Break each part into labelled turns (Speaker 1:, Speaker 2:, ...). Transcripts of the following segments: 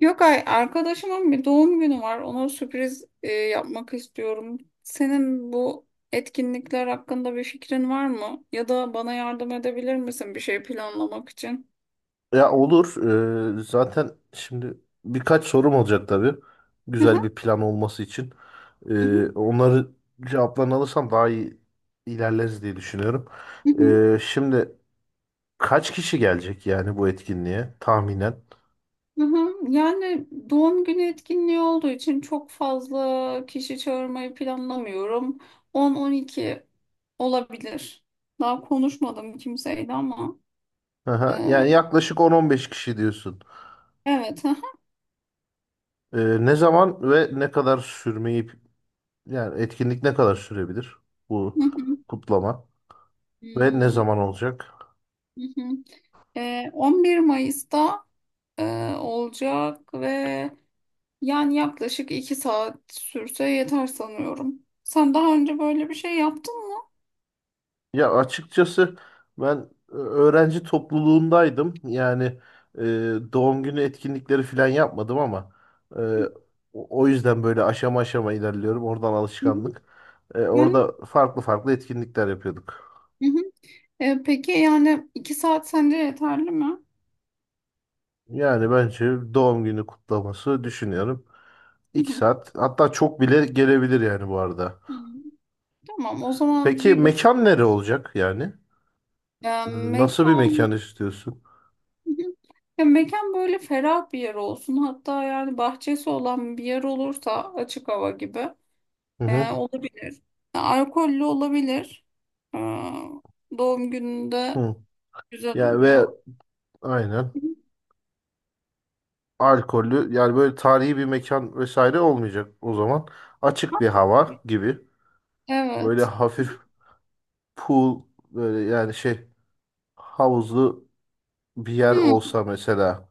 Speaker 1: Yok, arkadaşımın bir doğum günü var. Ona sürpriz yapmak istiyorum. Senin bu etkinlikler hakkında bir fikrin var mı? Ya da bana yardım edebilir misin bir şey planlamak için?
Speaker 2: Ya olur. Zaten şimdi birkaç sorum olacak tabii.
Speaker 1: Hı hı,
Speaker 2: Güzel bir plan olması için.
Speaker 1: hı hı,
Speaker 2: Onları cevaplarını alırsam daha iyi ilerleriz diye düşünüyorum.
Speaker 1: hı hı,
Speaker 2: Şimdi kaç kişi gelecek yani bu etkinliğe tahminen?
Speaker 1: hı hı. Yani doğum günü etkinliği olduğu için çok fazla kişi çağırmayı planlamıyorum. 10-12 olabilir. Daha konuşmadım kimseyle ama.
Speaker 2: Aha,
Speaker 1: e,
Speaker 2: yani yaklaşık 10-15 kişi diyorsun.
Speaker 1: evet. Hı
Speaker 2: Ne zaman ve ne kadar sürmeyi yani etkinlik ne kadar sürebilir bu
Speaker 1: hı,
Speaker 2: kutlama
Speaker 1: hı
Speaker 2: ve ne
Speaker 1: hı.
Speaker 2: zaman olacak?
Speaker 1: Hı hı. 11 Mayıs'ta olacak ve yani yaklaşık 2 saat sürse yeter sanıyorum. Sen daha önce böyle bir şey yaptın mı?
Speaker 2: Ya açıkçası ben öğrenci topluluğundaydım. Yani e, doğum günü etkinlikleri falan yapmadım ama e, o yüzden böyle aşama aşama ilerliyorum. Oradan
Speaker 1: Hı hı.
Speaker 2: alışkanlık. E,
Speaker 1: Yani,
Speaker 2: orada farklı farklı etkinlikler yapıyorduk.
Speaker 1: hı hı. Peki yani 2 saat sence yeterli mi?
Speaker 2: Yani bence doğum günü kutlaması düşünüyorum.
Speaker 1: Hı
Speaker 2: İki
Speaker 1: hı.
Speaker 2: saat hatta çok bile gelebilir yani bu arada.
Speaker 1: Hı. Tamam, o zaman
Speaker 2: Peki
Speaker 1: bir bu
Speaker 2: mekan nere olacak yani? E, nasıl bir
Speaker 1: mekan.
Speaker 2: mekan istiyorsun?
Speaker 1: Hı hı. Ya mekan böyle ferah bir yer olsun. Hatta yani bahçesi olan bir yer olursa açık hava gibi.
Speaker 2: Hı hı.
Speaker 1: Olabilir. Alkollü olabilir. Ee, doğum gününde
Speaker 2: Hı.
Speaker 1: güzel
Speaker 2: Yani ve
Speaker 1: oluyor.
Speaker 2: aynen. Alkollü yani böyle tarihi bir mekan vesaire olmayacak o zaman. Açık bir hava gibi. Böyle
Speaker 1: Evet.
Speaker 2: hafif pool böyle yani şey havuzlu bir yer
Speaker 1: Hmm,
Speaker 2: olsa mesela.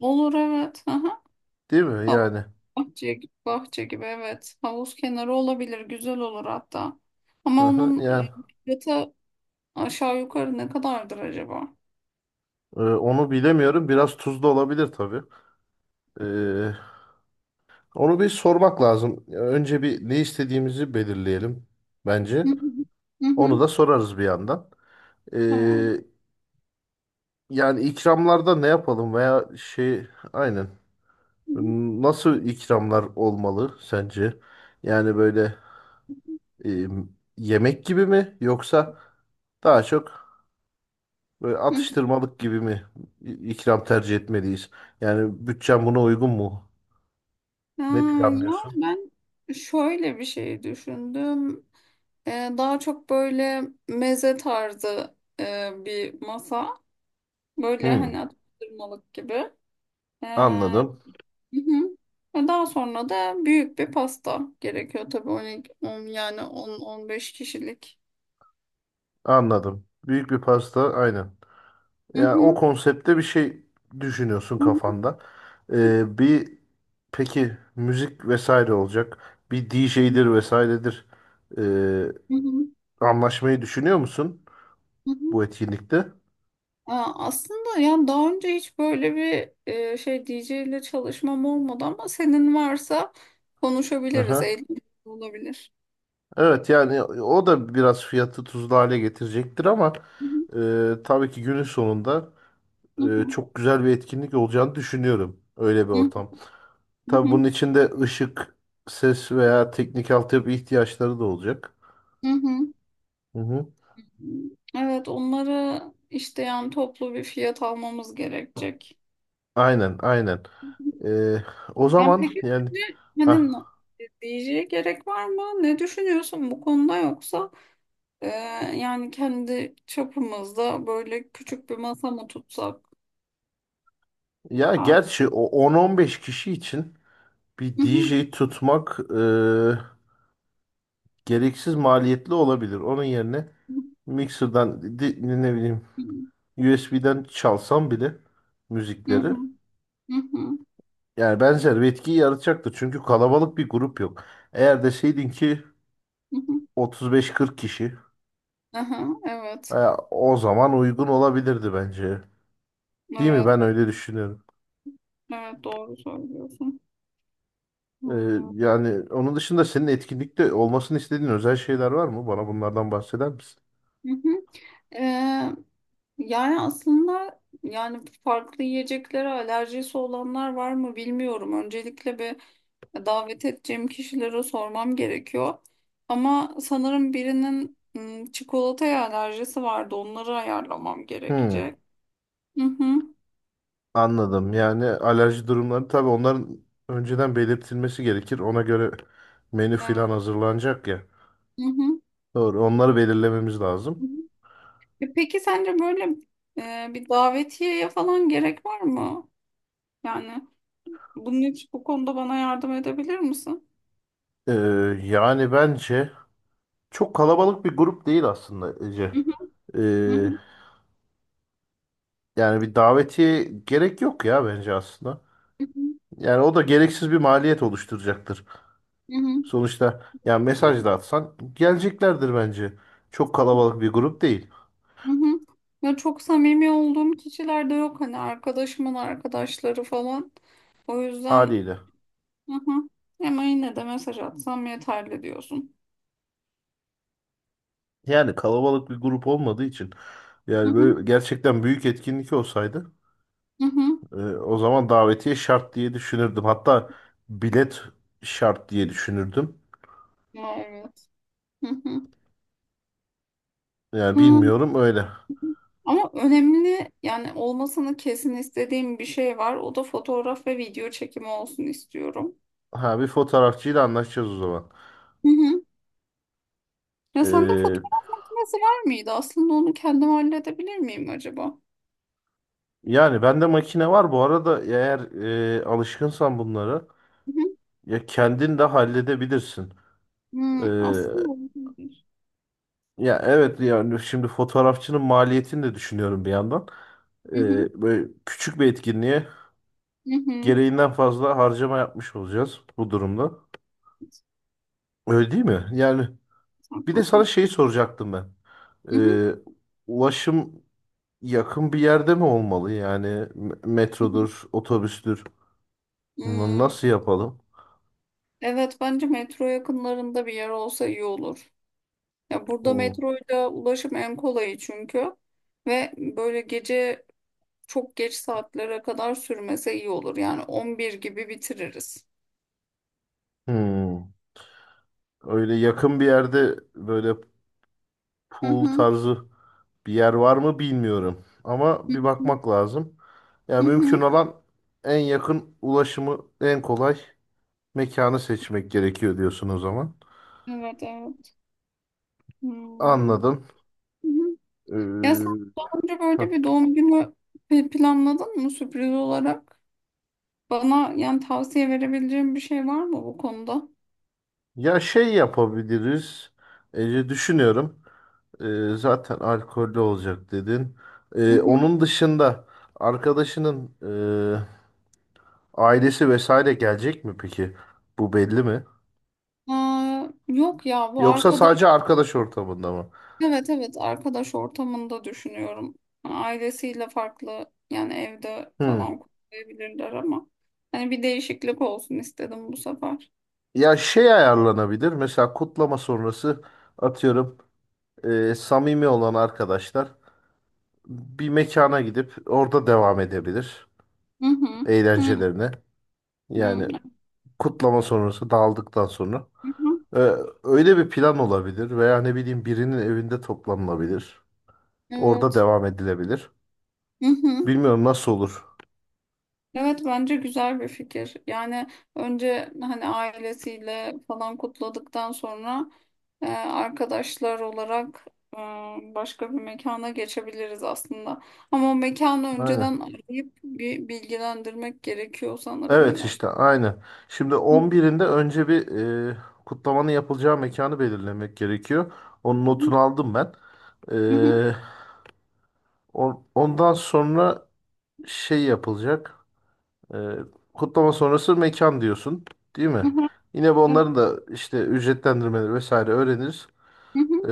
Speaker 1: olur, evet. Aha.
Speaker 2: Değil mi
Speaker 1: Hav-
Speaker 2: yani?
Speaker 1: Bahçe gibi- bahçe gibi, evet. Havuz kenarı olabilir. Güzel olur hatta.
Speaker 2: Hı
Speaker 1: Ama
Speaker 2: hı,
Speaker 1: onun
Speaker 2: yani
Speaker 1: fiyatı aşağı yukarı ne kadardır acaba?
Speaker 2: onu bilemiyorum. Biraz tuzlu olabilir tabii. E, onu bir sormak lazım. Önce bir ne istediğimizi belirleyelim bence.
Speaker 1: Hı hı. Hı
Speaker 2: Onu
Speaker 1: hı.
Speaker 2: da sorarız bir yandan. E,
Speaker 1: Tamam.
Speaker 2: yani ikramlarda ne yapalım veya şey aynen.
Speaker 1: Hı hı.
Speaker 2: Nasıl ikramlar olmalı sence? Yani böyle e, yemek gibi mi yoksa daha çok böyle
Speaker 1: Hı hı.
Speaker 2: atıştırmalık gibi mi ikram tercih etmeliyiz? Yani bütçem buna uygun mu? Ne
Speaker 1: Aa, ya
Speaker 2: planlıyorsun?
Speaker 1: ben şöyle bir şey düşündüm. Ee, daha çok böyle meze tarzı bir masa. Böyle
Speaker 2: Hmm,
Speaker 1: hani atıştırmalık gibi.
Speaker 2: anladım,
Speaker 1: Hı hı. Ve daha sonra da büyük bir pasta gerekiyor tabii, 12, 10, yani 10-15 kişilik.
Speaker 2: anladım. Büyük bir pasta, aynen.
Speaker 1: Hı
Speaker 2: Yani o
Speaker 1: hı.
Speaker 2: konsepte bir şey düşünüyorsun
Speaker 1: Hı hı.
Speaker 2: kafanda. Bir Peki müzik vesaire olacak. Bir DJ'dir vesairedir.
Speaker 1: Hı hı.
Speaker 2: Anlaşmayı düşünüyor musun
Speaker 1: Hı
Speaker 2: bu
Speaker 1: hı.
Speaker 2: etkinlikte?
Speaker 1: Aa, aslında yani daha önce hiç böyle bir DJ ile çalışmam olmadı, ama senin varsa konuşabiliriz.
Speaker 2: Aha.
Speaker 1: Eğlenceli olabilir.
Speaker 2: Evet yani o da biraz fiyatı tuzlu hale getirecektir ama
Speaker 1: Hı hı.
Speaker 2: tabii ki günün sonunda
Speaker 1: Hı
Speaker 2: çok güzel bir etkinlik olacağını düşünüyorum. Öyle bir
Speaker 1: hı.
Speaker 2: ortam.
Speaker 1: Hı
Speaker 2: Tabii bunun
Speaker 1: hı.
Speaker 2: içinde ışık, ses veya teknik altyapı ihtiyaçları da olacak.
Speaker 1: Hı hı.
Speaker 2: Hı hı.
Speaker 1: Evet, onları işte yani toplu bir fiyat almamız gerekecek.
Speaker 2: Aynen aynen. E, o
Speaker 1: Yani
Speaker 2: zaman
Speaker 1: peki
Speaker 2: yani
Speaker 1: şimdi hani
Speaker 2: ha
Speaker 1: diyeceğe gerek var mı? Ne düşünüyorsun bu konuda, yoksa e, yani kendi çapımızda böyle küçük bir masa mı tutsak?
Speaker 2: Ya
Speaker 1: Ha-.
Speaker 2: gerçi o 10-15 kişi için bir
Speaker 1: Hı hı.
Speaker 2: DJ tutmak gereksiz maliyetli olabilir. Onun yerine ne bileyim USB'den çalsam bile
Speaker 1: Hı hı.
Speaker 2: müzikleri
Speaker 1: Hı hı.
Speaker 2: yani benzer bir etkiyi yaratacaktır. Çünkü kalabalık bir grup yok. Eğer deseydin ki
Speaker 1: Hı hı. Hı.
Speaker 2: 35-40 kişi
Speaker 1: Aha,
Speaker 2: e,
Speaker 1: evet.
Speaker 2: o zaman uygun olabilirdi bence. Değil mi?
Speaker 1: Evet.
Speaker 2: Ben öyle düşünüyorum.
Speaker 1: Evet, doğru söylüyorsun.
Speaker 2: E,
Speaker 1: Hı
Speaker 2: yani onun dışında senin etkinlikte olmasını istediğin özel şeyler var mı? Bana bunlardan bahseder misin?
Speaker 1: hı. Ee, yani aslında yani farklı yiyeceklere alerjisi olanlar var mı bilmiyorum. Öncelikle bir davet edeceğim kişilere sormam gerekiyor. Ama sanırım birinin, çikolataya alerjisi vardı. Onları ayarlamam
Speaker 2: Hmm.
Speaker 1: gerekecek. Hı hı.
Speaker 2: Anladım. Yani alerji durumları tabii onların önceden belirtilmesi gerekir. Ona göre menü
Speaker 1: Evet.
Speaker 2: filan hazırlanacak ya.
Speaker 1: Hı hı.
Speaker 2: Doğru. Onları belirlememiz lazım.
Speaker 1: Hı hı. E, peki sence böyle bir davetiyeye falan gerek var mı? Yani bunun için bu konuda bana yardım edebilir misin?
Speaker 2: Ee, Yani bence çok kalabalık bir grup değil aslında Ece.
Speaker 1: Hı hı.
Speaker 2: Ee,
Speaker 1: Hı hı.
Speaker 2: Yani bir davetiye gerek yok ya bence aslında.
Speaker 1: Hı
Speaker 2: Yani o da gereksiz bir maliyet oluşturacaktır.
Speaker 1: hı.
Speaker 2: Sonuçta yani
Speaker 1: Hı hı.
Speaker 2: mesaj da atsan geleceklerdir bence. Çok kalabalık bir grup değil
Speaker 1: Hı hı. Ya çok samimi olduğum kişiler de yok hani, arkadaşımın arkadaşları falan. O yüzden
Speaker 2: haliyle.
Speaker 1: hı hı. Ama yine de mesaj atsam yeterli diyorsun.
Speaker 2: Yani kalabalık bir grup olmadığı için
Speaker 1: Hı
Speaker 2: yani
Speaker 1: hı.
Speaker 2: böyle gerçekten büyük etkinlik olsaydı
Speaker 1: Hı hı.
Speaker 2: o zaman davetiye şart diye düşünürdüm. Hatta bilet şart diye düşünürdüm.
Speaker 1: Ya, evet. Hı hı.
Speaker 2: Yani
Speaker 1: Hı.
Speaker 2: bilmiyorum öyle.
Speaker 1: Ama önemli yani olmasını kesin istediğim bir şey var. O da fotoğraf ve video çekimi olsun istiyorum.
Speaker 2: Ha bir fotoğrafçıyla anlaşacağız o zaman.
Speaker 1: Hı hı. Ya, sende
Speaker 2: E,
Speaker 1: fotoğraf makinesi var mıydı? Aslında onu kendim halledebilir miyim acaba?
Speaker 2: Yani bende makine var bu arada eğer alışkınsan bunlara
Speaker 1: Hı hı.
Speaker 2: ya kendin de halledebilirsin. E,
Speaker 1: Hı, aslında olabilir.
Speaker 2: Ya evet yani şimdi fotoğrafçının maliyetini de düşünüyorum bir yandan. E,
Speaker 1: Hı hı.
Speaker 2: böyle küçük bir etkinliğe
Speaker 1: Hı hı.
Speaker 2: gereğinden fazla harcama yapmış olacağız bu durumda. Öyle değil mi? Yani bir de sana
Speaker 1: Haklısın.
Speaker 2: şeyi soracaktım ben.
Speaker 1: Hı hı,
Speaker 2: Ee, Ulaşım yakın bir yerde mi olmalı? Yani
Speaker 1: hı hı.
Speaker 2: metrodur, otobüstür.
Speaker 1: Hmm.
Speaker 2: Nasıl yapalım?
Speaker 1: Evet, bence metro yakınlarında bir yer olsa iyi olur. Ya burada
Speaker 2: Hmm.
Speaker 1: metroyla ulaşım en kolayı, çünkü ve böyle gece çok geç saatlere kadar sürmese iyi olur. Yani 11 gibi bitiririz.
Speaker 2: Hmm. Öyle yakın bir yerde böyle
Speaker 1: Hı
Speaker 2: pool
Speaker 1: hı,
Speaker 2: tarzı bir yer var mı bilmiyorum.
Speaker 1: hı
Speaker 2: Ama bir
Speaker 1: hı,
Speaker 2: bakmak lazım.
Speaker 1: hı
Speaker 2: Yani mümkün
Speaker 1: hı.
Speaker 2: olan en yakın ulaşımı en kolay mekanı seçmek gerekiyor diyorsun o zaman.
Speaker 1: Evet, evet. Hmm, hı
Speaker 2: Anladım.
Speaker 1: hı. Ya sen
Speaker 2: Ee,
Speaker 1: daha önce böyle bir
Speaker 2: heh.
Speaker 1: doğum günü planladın mı sürpriz olarak? Bana yani tavsiye verebileceğim bir şey var mı bu konuda?
Speaker 2: Ya şey yapabiliriz. Ece düşünüyorum. Zaten alkollü olacak dedin.
Speaker 1: Hı hı.
Speaker 2: Onun dışında arkadaşının ailesi vesaire gelecek mi peki? Bu belli mi?
Speaker 1: Aa, yok ya, bu
Speaker 2: Yoksa sadece
Speaker 1: arkadaş,
Speaker 2: arkadaş ortamında mı?
Speaker 1: evet, evet, arkadaş ortamında düşünüyorum. Yani ailesiyle farklı, yani evde
Speaker 2: Hmm.
Speaker 1: falan kutlayabilirler, ama hani bir değişiklik olsun istedim bu sefer.
Speaker 2: Ya şey ayarlanabilir. Mesela kutlama sonrası atıyorum samimi olan arkadaşlar bir mekana gidip orada devam edebilir
Speaker 1: Hı hı. Hı hı.
Speaker 2: eğlencelerine. Yani kutlama sonrası dağıldıktan sonra
Speaker 1: Hı hı.
Speaker 2: e, öyle bir plan olabilir veya ne bileyim birinin evinde toplanılabilir. Orada
Speaker 1: Evet.
Speaker 2: devam edilebilir.
Speaker 1: Hı hı.
Speaker 2: Bilmiyorum nasıl olur.
Speaker 1: Evet, bence güzel bir fikir. Yani önce hani ailesiyle falan kutladıktan sonra arkadaşlar olarak e, başka bir mekana geçebiliriz aslında. Ama o mekanı
Speaker 2: Aynen.
Speaker 1: önceden arayıp bir bilgilendirmek gerekiyor sanırım
Speaker 2: Evet
Speaker 1: yine.
Speaker 2: işte aynen. Şimdi
Speaker 1: Hı
Speaker 2: on birinde önce bir e, kutlamanın yapılacağı mekanı belirlemek gerekiyor. Onun
Speaker 1: hı,
Speaker 2: notunu aldım ben. E, Ondan sonra şey yapılacak. E, kutlama sonrası mekan diyorsun, değil mi?
Speaker 1: hı hı,
Speaker 2: Yine bu
Speaker 1: hı hı. Evet.
Speaker 2: onların da işte ücretlendirmeleri vesaire öğreniriz.
Speaker 1: Hı
Speaker 2: Ee,
Speaker 1: hı,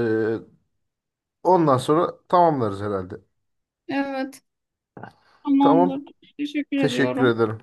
Speaker 2: Ondan sonra tamamlarız herhalde.
Speaker 1: evet.
Speaker 2: Tamam.
Speaker 1: Tamamdır. Teşekkür
Speaker 2: Teşekkür
Speaker 1: ediyorum.
Speaker 2: ederim.